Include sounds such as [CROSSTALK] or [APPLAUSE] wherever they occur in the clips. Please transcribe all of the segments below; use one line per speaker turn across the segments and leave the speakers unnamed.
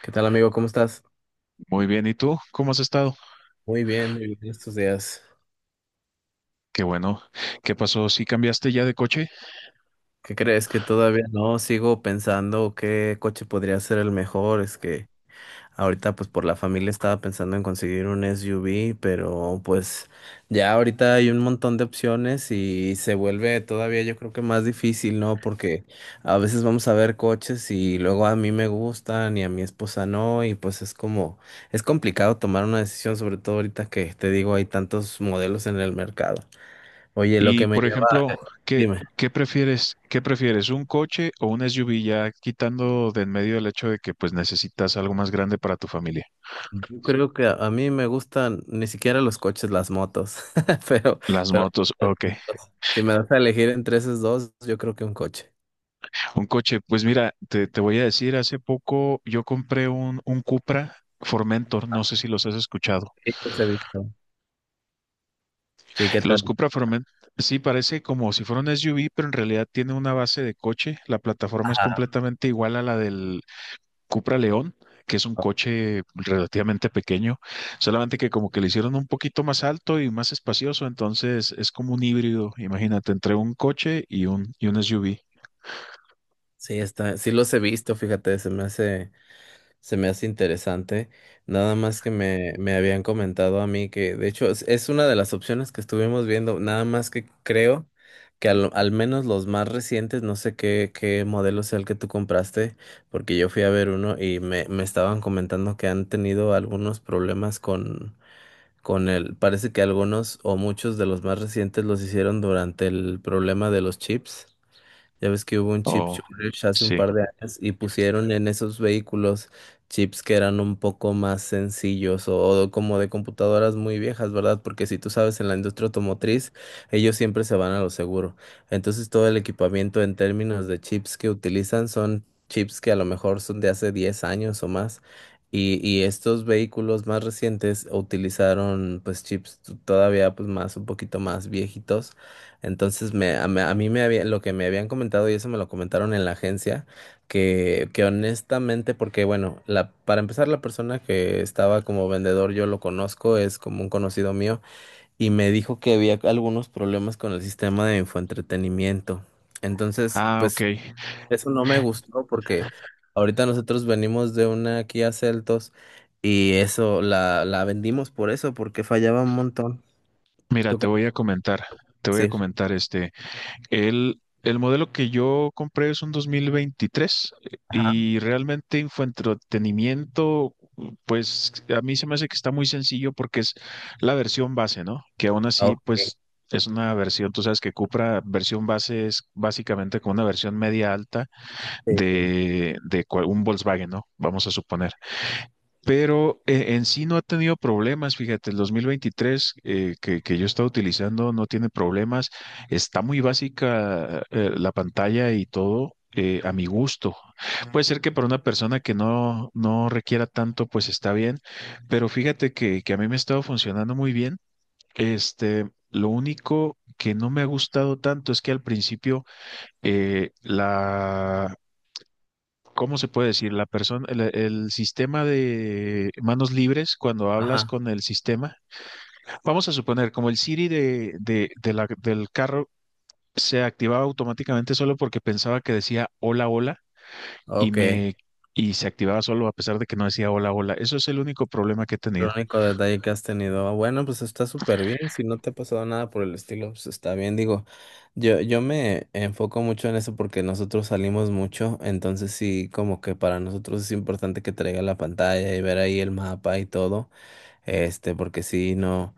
¿Qué tal, amigo? ¿Cómo estás?
Muy bien, ¿y tú? ¿Cómo has estado?
Muy bien estos días.
Qué bueno. ¿Qué pasó? ¿Si cambiaste ya de coche?
¿Qué crees? Que todavía no sigo pensando qué coche podría ser el mejor. Es que ahorita, pues por la familia estaba pensando en conseguir un SUV, pero pues ya ahorita hay un montón de opciones y se vuelve todavía yo creo que más difícil, ¿no? Porque a veces vamos a ver coches y luego a mí me gustan y a mi esposa no, y pues es como, es complicado tomar una decisión, sobre todo ahorita que te digo, hay tantos modelos en el mercado. Oye, lo
Y,
que me
por
lleva,
ejemplo, ¿qué,
dime,
¿qué prefieres? ¿Qué prefieres? ¿Un coche o un SUV? Ya quitando de en medio el hecho de que pues necesitas algo más grande para tu familia.
yo creo que a mí me gustan ni siquiera los coches, las motos, [LAUGHS] pero,
Las
pero
motos, ok.
si me das a elegir entre esos dos, yo creo que un coche.
Un coche, pues mira, te voy a decir, hace poco yo compré un Cupra Formentor, no sé si los has escuchado.
Sí, los he visto. Sí, ¿qué
Los
tal?
Cupra Formentor, sí, parece como si fuera un SUV, pero en realidad tiene una base de coche. La plataforma es
Ajá.
completamente igual a la del Cupra León, que es un coche relativamente pequeño, solamente que como que le hicieron un poquito más alto y más espacioso, entonces es como un híbrido, imagínate, entre un coche y y un SUV.
Sí, está, sí los he visto, fíjate, se me hace. Se me hace interesante, nada más que me habían comentado a mí que, de hecho, es una de las opciones que estuvimos viendo, nada más que creo que al, al menos los más recientes, no sé qué, qué modelo sea el que tú compraste, porque yo fui a ver uno y me estaban comentando que han tenido algunos problemas con el, parece que algunos o muchos de los más recientes los hicieron durante el problema de los chips. Ya ves que hubo un chip
Oh,
shortage hace un
sí.
par de años y pusieron en esos vehículos chips que eran un poco más sencillos o como de computadoras muy viejas, ¿verdad? Porque si tú sabes, en la industria automotriz, ellos siempre se van a lo seguro. Entonces, todo el equipamiento en términos de chips que utilizan son chips que a lo mejor son de hace 10 años o más. Y estos vehículos más recientes utilizaron pues chips todavía pues más un poquito más viejitos. Entonces a mí me había, lo que me habían comentado, y eso me lo comentaron en la agencia, que honestamente, porque bueno, la, para empezar la persona que estaba como vendedor, yo lo conozco, es como un conocido mío, y me dijo que había algunos problemas con el sistema de infoentretenimiento. Entonces,
Ah, ok.
pues eso no me gustó porque ahorita nosotros venimos de una Kia Celtos y eso la vendimos por eso, porque fallaba un montón.
Mira,
¿Tú
te
qué
voy a comentar,
vas
te voy
a
a
decir?
comentar este. El modelo que yo compré es un 2023
Ajá.
y realmente en fue entretenimiento, pues a mí se me hace que está muy sencillo porque es la versión base, ¿no? Que aún así,
Ok.
pues es una versión, tú sabes que Cupra, versión base es básicamente como una versión media alta
Sí.
de cual- un Volkswagen, ¿no? Vamos a suponer, pero en sí no ha tenido problemas. Fíjate, el 2023, que yo he estado utilizando no tiene problemas. Está muy básica, la pantalla y todo. A mi gusto. Puede ser que para una persona que no requiera tanto, pues está bien, pero fíjate que a mí me ha estado funcionando muy bien. Este, lo único que no me ha gustado tanto es que al principio, eh, ¿cómo se puede decir? La persona, el sistema de manos libres, cuando hablas
Ajá.
con el sistema, vamos a suponer, como el Siri del carro, se activaba automáticamente solo porque pensaba que decía hola, hola, y
Ok, el
me y se activaba solo a pesar de que no decía hola, hola. Eso es el único problema que he tenido.
único detalle que has tenido. Bueno, pues está súper bien. Si no te ha pasado nada por el estilo, pues está bien. Digo, yo me enfoco mucho en eso porque nosotros salimos mucho. Entonces sí, como que para nosotros es importante que traiga la pantalla y ver ahí el mapa y todo. Este, porque sí, no,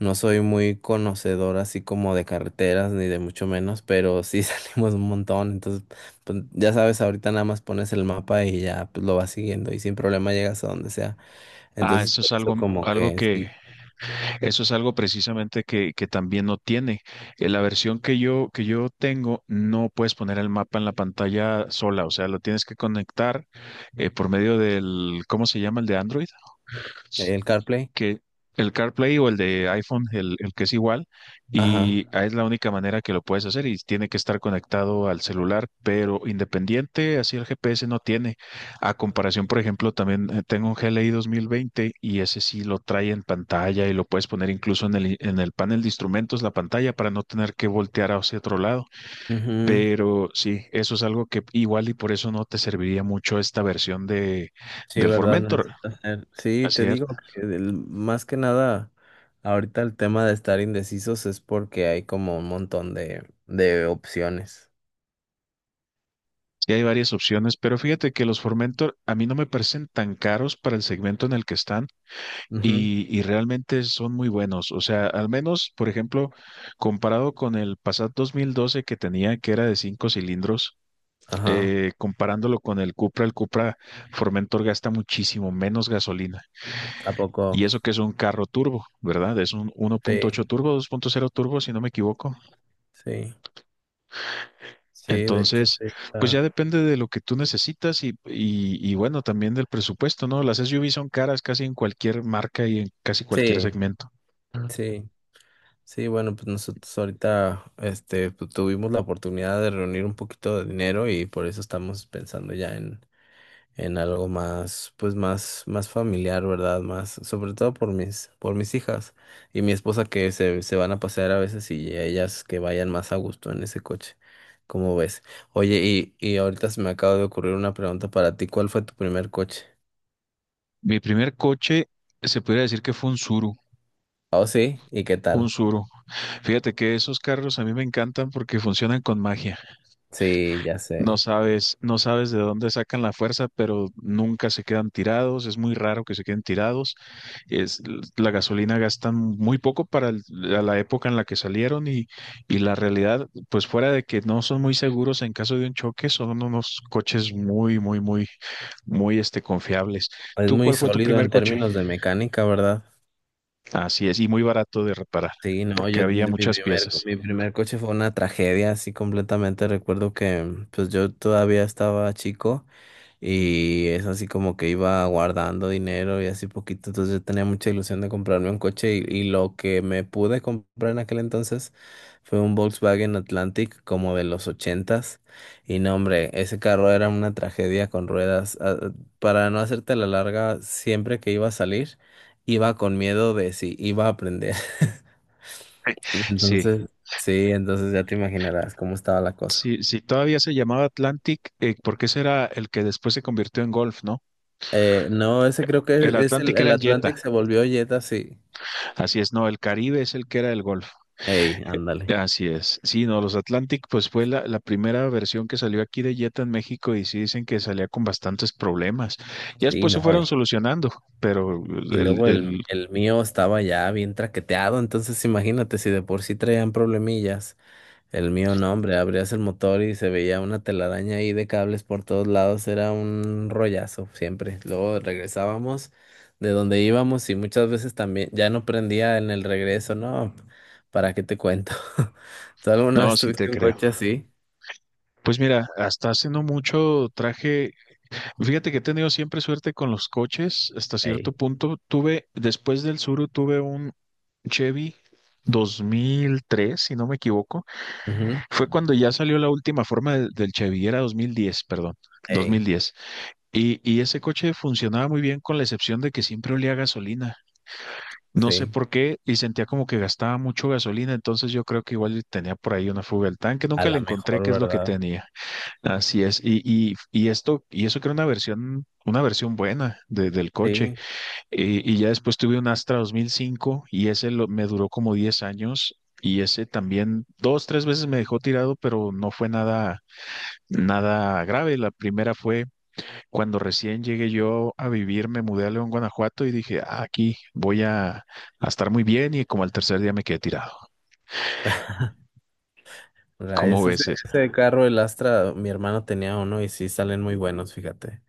no soy muy conocedor así como de carreteras, ni de mucho menos, pero sí [LAUGHS] salimos un montón. Entonces, pues, ya sabes, ahorita nada más pones el mapa y ya pues, lo vas siguiendo y sin problema llegas a donde sea.
Ah,
Entonces,
eso es
por eso
algo,
como
algo
que
que...
sí,
Eso es algo precisamente que también no tiene. La versión que que yo tengo, no puedes poner el mapa en la pantalla sola, o sea, lo tienes que conectar, por medio del, ¿cómo se llama? El de Android,
el CarPlay.
que el CarPlay o el de iPhone, el que es igual,
Ajá.
y ah, es la única manera que lo puedes hacer y tiene que estar conectado al celular, pero independiente, así el GPS no tiene. A comparación, por ejemplo, también tengo un GLI veinte y ese sí lo trae en pantalla y lo puedes poner incluso en el, i- en el panel de instrumentos, la pantalla, para no tener que voltear hacia otro lado.
Ujú.
Pero sí, eso es algo que igual y por eso no te serviría mucho esta versión de,
Sí,
del
verdad,
Formentor.
necesito hacer. Sí,
Así
te
es.
digo que más que nada, ahorita el tema de estar indecisos es porque hay como un montón de opciones.
Y hay varias opciones, pero fíjate que los Formentor a mí no me parecen tan caros para el segmento en el que están
Ujú.
y realmente son muy buenos. O sea, al menos, por ejemplo, comparado con el Passat 2012 que tenía, que era de cinco cilindros,
Ajá.
comparándolo con el Cupra Formentor gasta muchísimo menos gasolina. Y
Tampoco.
eso que es un carro turbo, ¿verdad? Es un 1.8
Sí,
turbo, 2.0 turbo, si no me equivoco.
sí, sí, de hecho
Entonces,
sí
pues ya
está.
depende de lo que tú necesitas y bueno, también del presupuesto, ¿no? Las SUV son caras casi en cualquier marca y en casi cualquier
Sí,
segmento.
sí. Sí, bueno, pues nosotros ahorita este, pues, tuvimos la oportunidad de reunir un poquito de dinero y por eso estamos pensando ya en algo más, pues más, más familiar, ¿verdad? Más, sobre todo por mis hijas y mi esposa que se van a pasear a veces y ellas que vayan más a gusto en ese coche. ¿Cómo ves? Oye, y ahorita se me acaba de ocurrir una pregunta para ti. ¿Cuál fue tu primer coche?
Mi primer coche se podría decir que fue un Suru,
Oh, sí, ¿y qué
un
tal?
Suru. Fíjate que esos carros a mí me encantan porque funcionan con magia.
Sí, ya
No
sé.
sabes, no sabes de dónde sacan la fuerza, pero nunca se quedan tirados. Es muy raro que se queden tirados. Es, la gasolina gastan muy poco para el- la la época en la que salieron, y la realidad, pues fuera de que no son muy seguros en caso de un choque, son unos coches muy, muy, muy, muy este, confiables.
Es
¿Tú
muy
cuál fue tu
sólido
primer
en
coche?
términos de mecánica, ¿verdad?
Así es, y muy barato de reparar,
Sí, no,
porque
yo
había muchas piezas.
mi primer coche fue una tragedia, así completamente. Recuerdo que pues yo todavía estaba chico, y es así como que iba guardando dinero y así poquito. Entonces yo tenía mucha ilusión de comprarme un coche y lo que me pude comprar en aquel entonces fue un Volkswagen Atlantic como de los ochentas. Y no, hombre, ese carro era una tragedia con ruedas. Para no hacerte la larga, siempre que iba a salir, iba con miedo de si iba a prender. [LAUGHS]
Sí,
Entonces, sí, entonces ya te imaginarás cómo estaba la cosa.
sí, sí, todavía se llamaba Atlantic, porque ese era el que después se convirtió en Golf, ¿no?
No, ese creo que
El
es
Atlantic era
el
el Jetta,
Atlantic se volvió Jetta, sí.
así es, no, el Caribe es el que era el Golf.
Ey, ándale.
Así es. Sí, no, los Atlantic, pues fue la primera versión que salió aquí de Jetta en México y sí dicen que salía con bastantes problemas. Ya
Sí,
después se
no.
fueron solucionando, pero
Y
el,
luego
el,
el mío estaba ya bien traqueteado, entonces imagínate si de por sí traían problemillas. El mío no, hombre, abrías el motor y se veía una telaraña ahí de cables por todos lados, era un rollazo siempre. Luego regresábamos de donde íbamos y muchas veces también ya no prendía en el regreso, no, ¿para qué te cuento? [LAUGHS] ¿Tú alguna
no,
vez
sí te
tuviste un
creo.
coche así?
Pues mira, hasta hace no mucho traje, fíjate que he tenido siempre suerte con los coches, hasta cierto
Ey.
punto. Tuve, después del Suru, tuve un Chevy 2003, si no me equivoco.
Ujú.
Fue cuando ya salió la última forma del Chevy, era 2010, perdón.
Ey,
2010. Y ese coche funcionaba muy bien con la excepción de que siempre olía a gasolina. No sé
sí,
por qué y sentía como que gastaba mucho gasolina, entonces yo creo que igual tenía por ahí una fuga del tanque,
a
nunca le
la
encontré
mejor,
qué es lo que
¿verdad?
tenía. Así es, y eso que era una versión buena de- del coche.
Sí.
Y ya después tuve un Astra 2005 y ese lo- me duró como 10 años y ese también dos, tres veces me dejó tirado, pero no fue nada, nada grave. La primera fue cuando recién llegué yo a vivir, me mudé a León, Guanajuato y dije, "Ah, aquí voy a estar muy bien" y como al tercer día me quedé tirado. Como
Ese,
ves, Ed?
ese carro, el Astra, mi hermano tenía uno y sí salen muy buenos, fíjate.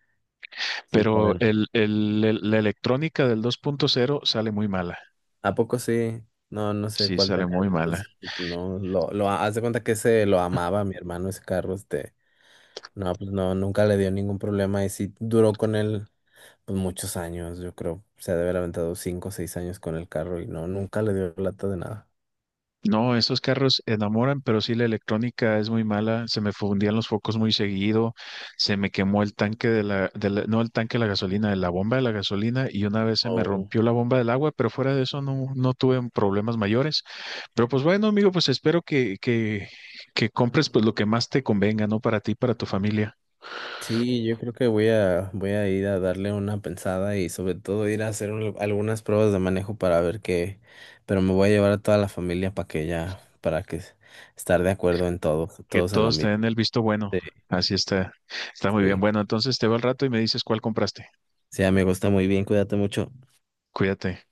Sí
Pero
salen.
la electrónica del 2.0 sale muy mala.
¿A poco sí? No, no sé
Sí,
cuál
sale
tenía él.
muy mala.
Entonces, porque no, haz de cuenta que ese lo amaba mi hermano, ese carro, este. No, pues no, nunca le dio ningún problema y sí duró con él, pues muchos años, yo creo. Se ha de haber aventado 5 o 6 años con el carro y no, nunca le dio lata de nada.
No, esos carros enamoran, pero sí la electrónica es muy mala. Se me fundían los focos muy seguido. Se me quemó el tanque de la- no el tanque de la gasolina, de la bomba de la gasolina. Y una vez se me rompió la bomba del agua, pero fuera de eso no, no tuve problemas mayores. Pero pues bueno, amigo, pues espero que compres pues lo que más te convenga, ¿no? Para ti, para tu familia,
Sí, yo creo que voy a ir a darle una pensada y sobre todo ir a hacer algunas pruebas de manejo para ver qué, pero me voy a llevar a toda la familia para que ya, para que estar de acuerdo en todo,
que
todos en lo
todos te
mismo.
den el visto bueno.
Sí,
Así está, está muy bien.
sí.
Bueno, entonces te veo al rato y me dices cuál compraste.
Sí, amigo, está muy bien, cuídate mucho.
Cuídate.